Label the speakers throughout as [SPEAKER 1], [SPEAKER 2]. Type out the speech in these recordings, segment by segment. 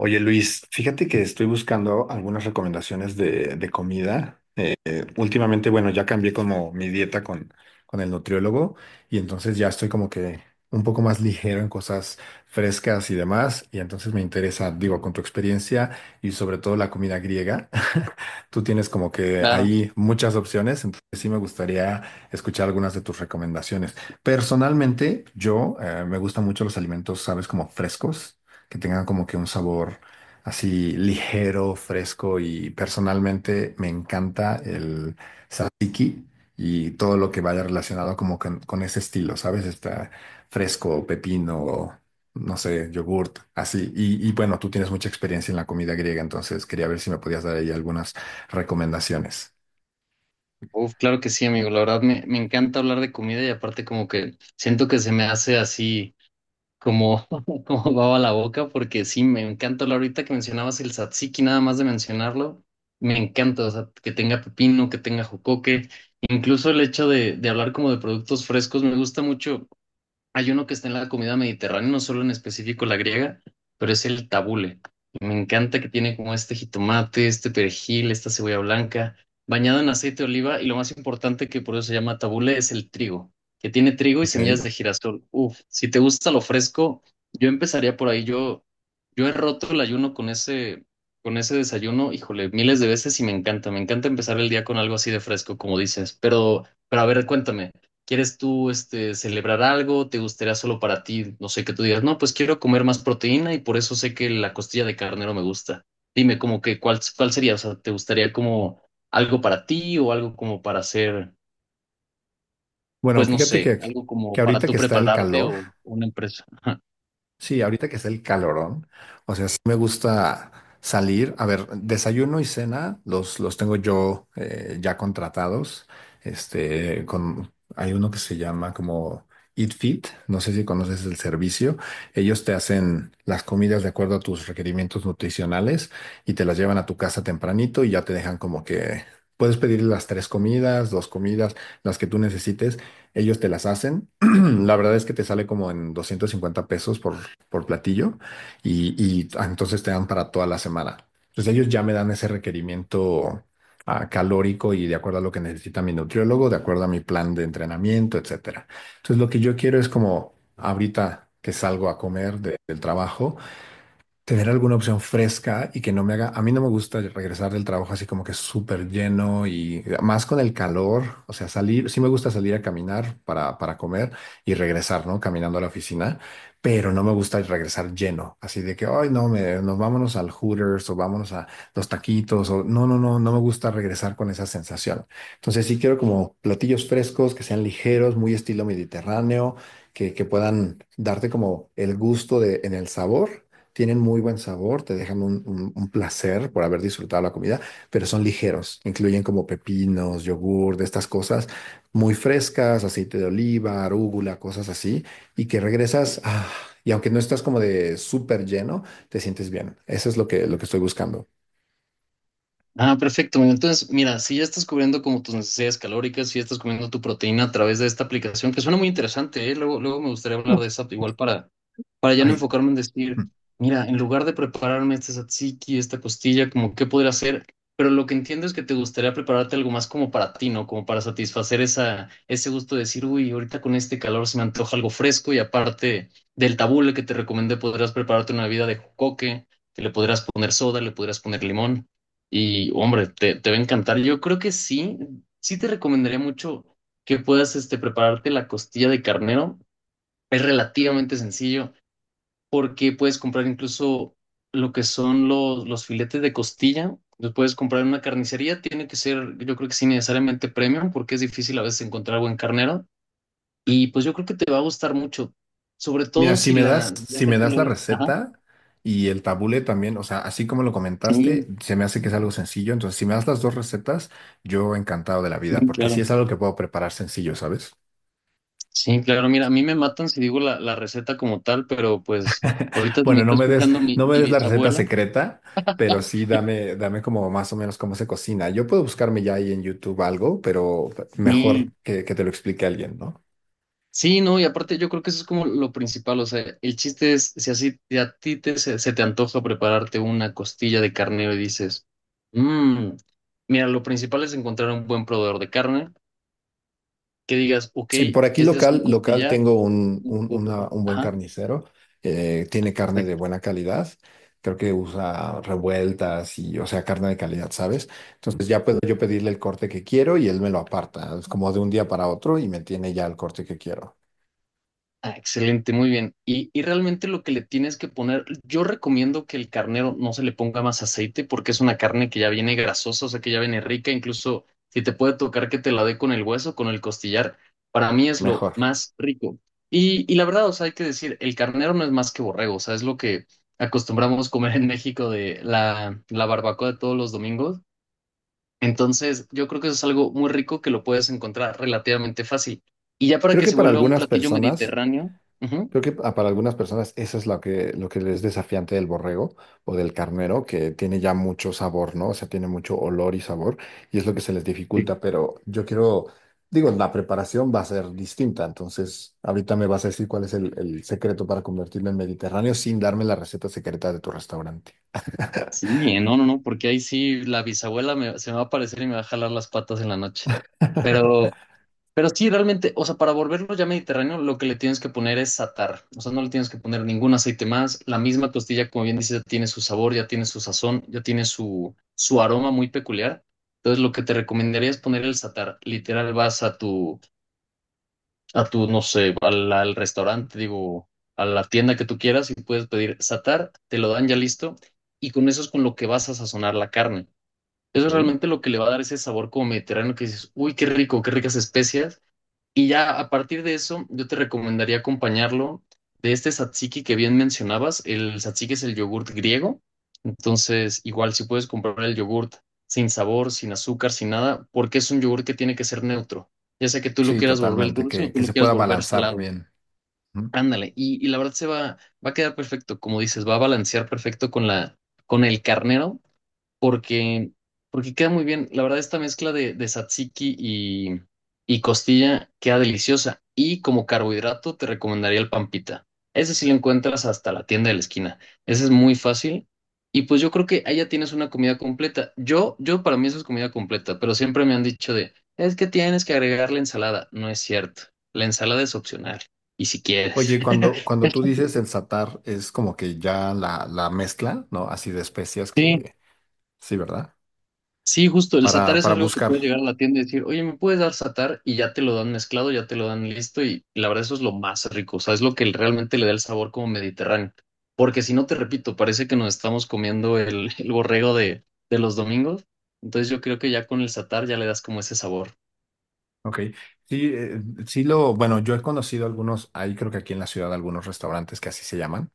[SPEAKER 1] Oye Luis, fíjate que estoy buscando algunas recomendaciones de comida. Últimamente, bueno, ya cambié como mi dieta con el nutriólogo y entonces ya estoy como que un poco más ligero en cosas frescas y demás. Y entonces me interesa, digo, con tu experiencia y sobre todo la comida griega, tú tienes como que
[SPEAKER 2] Claro,
[SPEAKER 1] ahí muchas opciones, entonces sí me gustaría escuchar algunas de tus recomendaciones. Personalmente, yo me gustan mucho los alimentos, sabes, como frescos, que tengan como que un sabor así ligero, fresco y personalmente me encanta el tzatziki y todo lo que vaya relacionado como con ese estilo, ¿sabes? Está fresco, pepino, no sé, yogurt, así. Y bueno, tú tienes mucha experiencia en la comida griega, entonces quería ver si me podías dar ahí algunas recomendaciones.
[SPEAKER 2] uf, claro que sí, amigo. La verdad me encanta hablar de comida y aparte como que siento que se me hace así como, como baba la boca porque sí, me encanta hablar ahorita que mencionabas el tzatziki, nada más de mencionarlo, me encanta, o sea, que tenga pepino, que tenga jocoque, incluso el hecho de hablar como de productos frescos, me gusta mucho. Hay uno que está en la comida mediterránea, no solo en específico la griega, pero es el tabule. Me encanta que tiene como este jitomate, este perejil, esta cebolla blanca, bañado en aceite de oliva y lo más importante que por eso se llama tabule es el trigo, que tiene trigo y semillas
[SPEAKER 1] Ok.
[SPEAKER 2] de girasol. Uf, si te gusta lo fresco, yo empezaría por ahí. Yo he roto el ayuno con ese desayuno, híjole, miles de veces y me encanta. Me encanta empezar el día con algo así de fresco, como dices. Pero a ver, cuéntame. ¿Quieres tú este, celebrar algo? ¿Te gustaría solo para ti? No sé, que tú digas, no, pues quiero comer más proteína y por eso sé que la costilla de carnero me gusta. Dime, como que, ¿cuál, cuál sería? O sea, ¿te gustaría como algo para ti o algo como para hacer,
[SPEAKER 1] Bueno,
[SPEAKER 2] pues no sé, algo
[SPEAKER 1] que
[SPEAKER 2] como para
[SPEAKER 1] ahorita
[SPEAKER 2] tú
[SPEAKER 1] que está el
[SPEAKER 2] prepararte
[SPEAKER 1] calor,
[SPEAKER 2] o una empresa?
[SPEAKER 1] sí, ahorita que es el calorón, o sea, sí me gusta salir. A ver, desayuno y cena los tengo yo ya contratados. Este, con, hay uno que se llama como Eat Fit, no sé si conoces el servicio. Ellos te hacen las comidas de acuerdo a tus requerimientos nutricionales y te las llevan a tu casa tempranito y ya te dejan como que puedes pedir las tres comidas, dos comidas, las que tú necesites. Ellos te las hacen. La verdad es que te sale como en 250 pesos por platillo y entonces te dan para toda la semana. Entonces ellos ya me dan ese requerimiento calórico y de acuerdo a lo que necesita mi nutriólogo, de acuerdo a mi plan de entrenamiento, etcétera. Entonces lo que yo quiero es como ahorita que salgo a comer del trabajo tener alguna opción fresca y que no me haga, a mí no me gusta regresar del trabajo así como que súper lleno y más con el calor, o sea, salir, sí me gusta salir a caminar para comer y regresar, ¿no? Caminando a la oficina, pero no me gusta regresar lleno, así de que, ay, no, me, nos vámonos al Hooters o vámonos a los taquitos o no me gusta regresar con esa sensación. Entonces sí quiero como platillos frescos que sean ligeros, muy estilo mediterráneo, que puedan darte como el gusto de, en el sabor tienen muy buen sabor, te dejan un placer por haber disfrutado la comida, pero son ligeros, incluyen como pepinos, yogur, de estas cosas muy frescas, aceite de oliva, arúgula, cosas así, y que regresas, y aunque no estás como de súper lleno, te sientes bien. Eso es lo que estoy buscando.
[SPEAKER 2] Ah, perfecto. Mira, entonces, mira, si ya estás cubriendo como tus necesidades calóricas, si ya estás comiendo tu proteína a través de esta aplicación, que suena muy interesante, ¿eh? Luego, luego me gustaría hablar
[SPEAKER 1] Uf,
[SPEAKER 2] de esa igual para ya no
[SPEAKER 1] ay.
[SPEAKER 2] enfocarme en decir, mira, en lugar de prepararme este tzatziki, esta costilla, como qué podría hacer, pero lo que entiendo es que te gustaría prepararte algo más como para ti, ¿no? Como para satisfacer esa, ese gusto de decir, uy, ahorita con este calor se me antoja algo fresco y aparte del tabule que te recomendé, podrías prepararte una bebida de jocoque, que le podrías poner soda, le podrías poner limón. Y hombre, te va a encantar. Yo creo que sí, sí te recomendaría mucho que puedas este, prepararte la costilla de carnero. Es relativamente sencillo porque puedes comprar incluso lo que son los filetes de costilla. Los puedes comprar en una carnicería. Tiene que ser, yo creo que sí, necesariamente premium porque es difícil a veces encontrar buen carnero. Y pues yo creo que te va a gustar mucho, sobre todo
[SPEAKER 1] Mira,
[SPEAKER 2] si la... Ya
[SPEAKER 1] si
[SPEAKER 2] sé
[SPEAKER 1] me
[SPEAKER 2] que
[SPEAKER 1] das
[SPEAKER 2] lo
[SPEAKER 1] la
[SPEAKER 2] ves. Ajá,
[SPEAKER 1] receta y el tabule también, o sea, así como lo comentaste,
[SPEAKER 2] sí,
[SPEAKER 1] se me hace que es algo sencillo. Entonces, si me das las dos recetas, yo encantado de la vida,
[SPEAKER 2] sí,
[SPEAKER 1] porque sí
[SPEAKER 2] claro.
[SPEAKER 1] es algo que puedo preparar sencillo, ¿sabes?
[SPEAKER 2] Sí, claro, mira, a mí me matan si digo la, la receta como tal, pero pues ahorita si me
[SPEAKER 1] Bueno,
[SPEAKER 2] está escuchando mi,
[SPEAKER 1] no me
[SPEAKER 2] mi
[SPEAKER 1] des la receta
[SPEAKER 2] bisabuela.
[SPEAKER 1] secreta, pero sí dame, dame como más o menos cómo se cocina. Yo puedo buscarme ya ahí en YouTube algo, pero mejor
[SPEAKER 2] Sí.
[SPEAKER 1] que te lo explique alguien, ¿no?
[SPEAKER 2] Sí, no, y aparte yo creo que eso es como lo principal, o sea, el chiste es si así te- a ti te, se te antoja prepararte una costilla de carnero y dices, mmm, mira, lo principal es encontrar un buen proveedor de carne, que digas, ok,
[SPEAKER 1] Sí, por aquí
[SPEAKER 2] ese es
[SPEAKER 1] local,
[SPEAKER 2] un
[SPEAKER 1] local
[SPEAKER 2] costillar,
[SPEAKER 1] tengo
[SPEAKER 2] me lo puedo preparar.
[SPEAKER 1] un buen
[SPEAKER 2] Ajá,
[SPEAKER 1] carnicero. Eh, tiene carne de
[SPEAKER 2] perfecto.
[SPEAKER 1] buena calidad. Creo que usa revueltas y, o sea, carne de calidad, ¿sabes? Entonces ya puedo yo pedirle el corte que quiero y él me lo aparta. Es como de un día para otro y me tiene ya el corte que quiero.
[SPEAKER 2] Ah, excelente, muy bien. Y realmente lo que le tienes que poner, yo recomiendo que el carnero no se le ponga más aceite porque es una carne que ya viene grasosa, o sea que ya viene rica, incluso si te puede tocar que te la dé con el hueso, con el costillar, para mí es lo
[SPEAKER 1] Mejor.
[SPEAKER 2] más rico. Y la verdad, o sea, hay que decir, el carnero no es más que borrego, o sea, es lo que acostumbramos comer en México de la, la barbacoa de todos los domingos. Entonces, yo creo que eso es algo muy rico que lo puedes encontrar relativamente fácil. Y ya para
[SPEAKER 1] Creo
[SPEAKER 2] que
[SPEAKER 1] que
[SPEAKER 2] se
[SPEAKER 1] para
[SPEAKER 2] vuelva un
[SPEAKER 1] algunas
[SPEAKER 2] platillo
[SPEAKER 1] personas.
[SPEAKER 2] mediterráneo, ujú,
[SPEAKER 1] Creo que para algunas personas eso es lo que es desafiante del borrego o del carnero, que tiene ya mucho sabor, ¿no? O sea, tiene mucho olor y sabor, y es lo que se les
[SPEAKER 2] sí,
[SPEAKER 1] dificulta, pero yo quiero, digo, la preparación va a ser distinta, entonces ahorita me vas a decir cuál es el secreto para convertirme en mediterráneo sin darme la receta secreta de tu restaurante.
[SPEAKER 2] sí, no, porque ahí sí la bisabuela me- se me va a aparecer y me va a jalar las patas en la noche. Pero, pero sí, realmente, o sea, para volverlo ya mediterráneo, lo que le tienes que poner es satar. O sea, no le tienes que poner ningún aceite más. La misma costilla, como bien dices, ya tiene su sabor, ya tiene su sazón, ya tiene su, su aroma muy peculiar. Entonces, lo que te recomendaría es poner el satar. Literal, vas a tu, no sé, al, al restaurante, digo, a la tienda que tú quieras y puedes pedir satar, te lo dan ya listo y con eso es con lo que vas a sazonar la carne. Eso
[SPEAKER 1] Ok.
[SPEAKER 2] es realmente lo que le va a dar ese sabor como mediterráneo que dices, uy, qué rico, qué ricas especias y ya a partir de eso, yo te recomendaría acompañarlo de este tzatziki que bien mencionabas. El tzatziki es el yogurt griego. Entonces, igual si puedes comprar el yogurt sin sabor, sin azúcar, sin nada, porque es un yogurt que tiene que ser neutro. Ya sea que tú lo
[SPEAKER 1] Sí,
[SPEAKER 2] quieras volver
[SPEAKER 1] totalmente,
[SPEAKER 2] dulce o tú
[SPEAKER 1] que
[SPEAKER 2] lo
[SPEAKER 1] se
[SPEAKER 2] quieras
[SPEAKER 1] pueda
[SPEAKER 2] volver
[SPEAKER 1] balancear
[SPEAKER 2] salado.
[SPEAKER 1] bien. Ujú.
[SPEAKER 2] Ándale. Y la verdad se va, va a quedar perfecto. Como dices, va a balancear perfecto con la, con el carnero porque, porque queda muy bien. La verdad, esta mezcla de tzatziki y costilla queda deliciosa. Y como carbohidrato, te recomendaría el pampita. Ese sí lo encuentras hasta la tienda de la esquina. Ese es muy fácil. Y pues yo creo que ahí ya tienes una comida completa. Yo para mí eso es comida completa, pero siempre me han dicho de, es que tienes que agregar la ensalada. No es cierto. La ensalada es opcional. Y si quieres.
[SPEAKER 1] Oye, cuando tú dices el satar, es como que ya la mezcla, ¿no? Así de especias que... Sí, ¿verdad?
[SPEAKER 2] Sí, justo, el satar es
[SPEAKER 1] Para
[SPEAKER 2] algo que
[SPEAKER 1] buscar.
[SPEAKER 2] puede llegar a la tienda y decir, oye, ¿me puedes dar satar? Y ya te lo dan mezclado, ya te lo dan listo y la verdad eso es lo más rico, o sea, es lo que realmente le da el sabor como mediterráneo. Porque si no, te repito, parece que nos estamos comiendo el borrego de los domingos, entonces yo creo que ya con el satar ya le das como ese sabor.
[SPEAKER 1] Ok. Sí, sí lo, bueno, yo he conocido algunos, hay creo que aquí en la ciudad algunos restaurantes que así se llaman.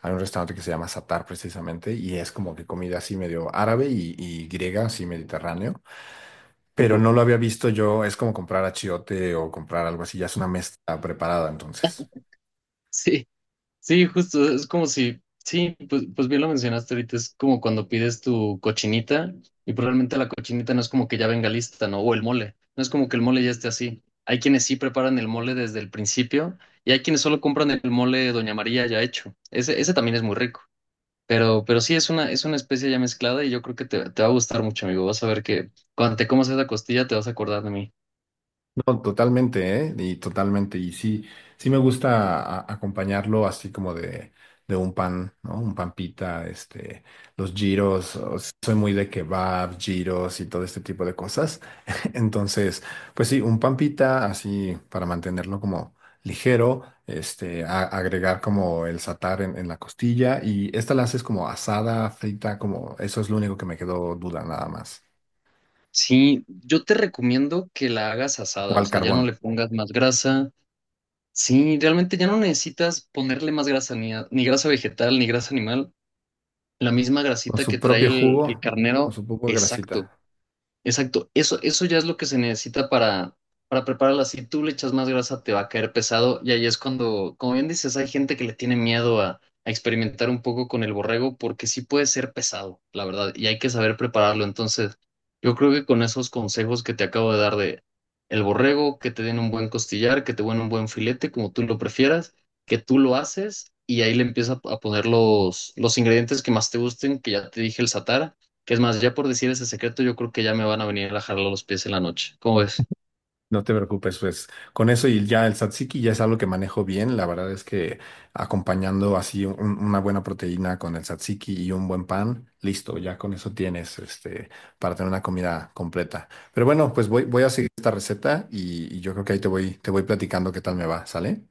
[SPEAKER 1] Hay un restaurante que se llama Satar precisamente y es como que comida así medio árabe y griega, así mediterráneo, pero
[SPEAKER 2] Súper.
[SPEAKER 1] no lo había visto yo, es como comprar achiote o comprar algo así, ya es una mezcla preparada entonces.
[SPEAKER 2] Sí. Sí, justo, es como si, sí, pues, pues bien lo mencionaste ahorita, es como cuando pides tu cochinita y probablemente la cochinita no es como que ya venga lista, ¿no? O el mole, no es como que el mole ya esté así. Hay quienes sí preparan el mole desde el principio y hay quienes solo compran el mole Doña María ya hecho. Ese también es muy rico, pero sí es una especie ya mezclada y yo creo que te va a gustar mucho, amigo. Vas a ver que cuando te comas esa costilla te vas a acordar de mí.
[SPEAKER 1] No, totalmente, ¿eh? Y totalmente. Y sí, sí me gusta acompañarlo así como de un pan, ¿no? Un pan pita, este, los giros. O sea, soy muy de kebab, giros y todo este tipo de cosas. Entonces, pues sí, un pan pita así para mantenerlo como ligero, este, agregar como el satar en la costilla y esta la haces como asada, frita, como eso es lo único que me quedó duda nada más.
[SPEAKER 2] Sí, yo te recomiendo que la hagas
[SPEAKER 1] O
[SPEAKER 2] asada, o
[SPEAKER 1] al
[SPEAKER 2] sea, ya
[SPEAKER 1] carbón.
[SPEAKER 2] no le pongas más grasa. Sí, realmente ya no necesitas ponerle más grasa, ni, a- ni grasa vegetal, ni grasa animal. La misma
[SPEAKER 1] Con
[SPEAKER 2] grasita
[SPEAKER 1] su
[SPEAKER 2] que trae
[SPEAKER 1] propio jugo,
[SPEAKER 2] el
[SPEAKER 1] con
[SPEAKER 2] carnero,
[SPEAKER 1] su poco de
[SPEAKER 2] exacto.
[SPEAKER 1] grasita.
[SPEAKER 2] Exacto, eso ya es lo que se necesita para prepararla. Si tú le echas más grasa, te va a caer pesado. Y ahí es cuando, como bien dices, hay gente que le tiene miedo a experimentar un poco con el borrego porque sí puede ser pesado, la verdad, y hay que saber prepararlo. Entonces, yo creo que con esos consejos que te acabo de dar de el borrego, que te den un buen costillar, que te den un buen filete, como tú lo prefieras, que tú lo haces y ahí le empiezas a poner los ingredientes que más te gusten, que ya te dije el satara que es más, ya por decir ese secreto, yo creo que ya me van a venir a jalar los pies en la noche. ¿Cómo ves?
[SPEAKER 1] No te preocupes, pues con eso y ya el tzatziki ya es algo que manejo bien. La verdad es que acompañando así una buena proteína con el tzatziki y un buen pan, listo, ya con eso tienes este, para tener una comida completa. Pero bueno, pues voy, voy a seguir esta receta y yo creo que ahí te voy platicando qué tal me va, ¿sale?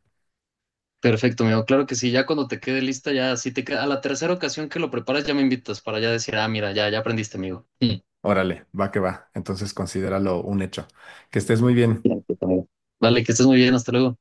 [SPEAKER 2] Perfecto, amigo. Claro que sí, ya cuando te quede lista, ya si te queda, a la tercera ocasión que lo preparas, ya me invitas para ya decir, ah, mira, ya, ya aprendiste, amigo.
[SPEAKER 1] Órale, va que va. Entonces considéralo un hecho. Que estés muy bien.
[SPEAKER 2] Mm. Bien, pues, amigo. Vale, que estés muy bien, hasta luego.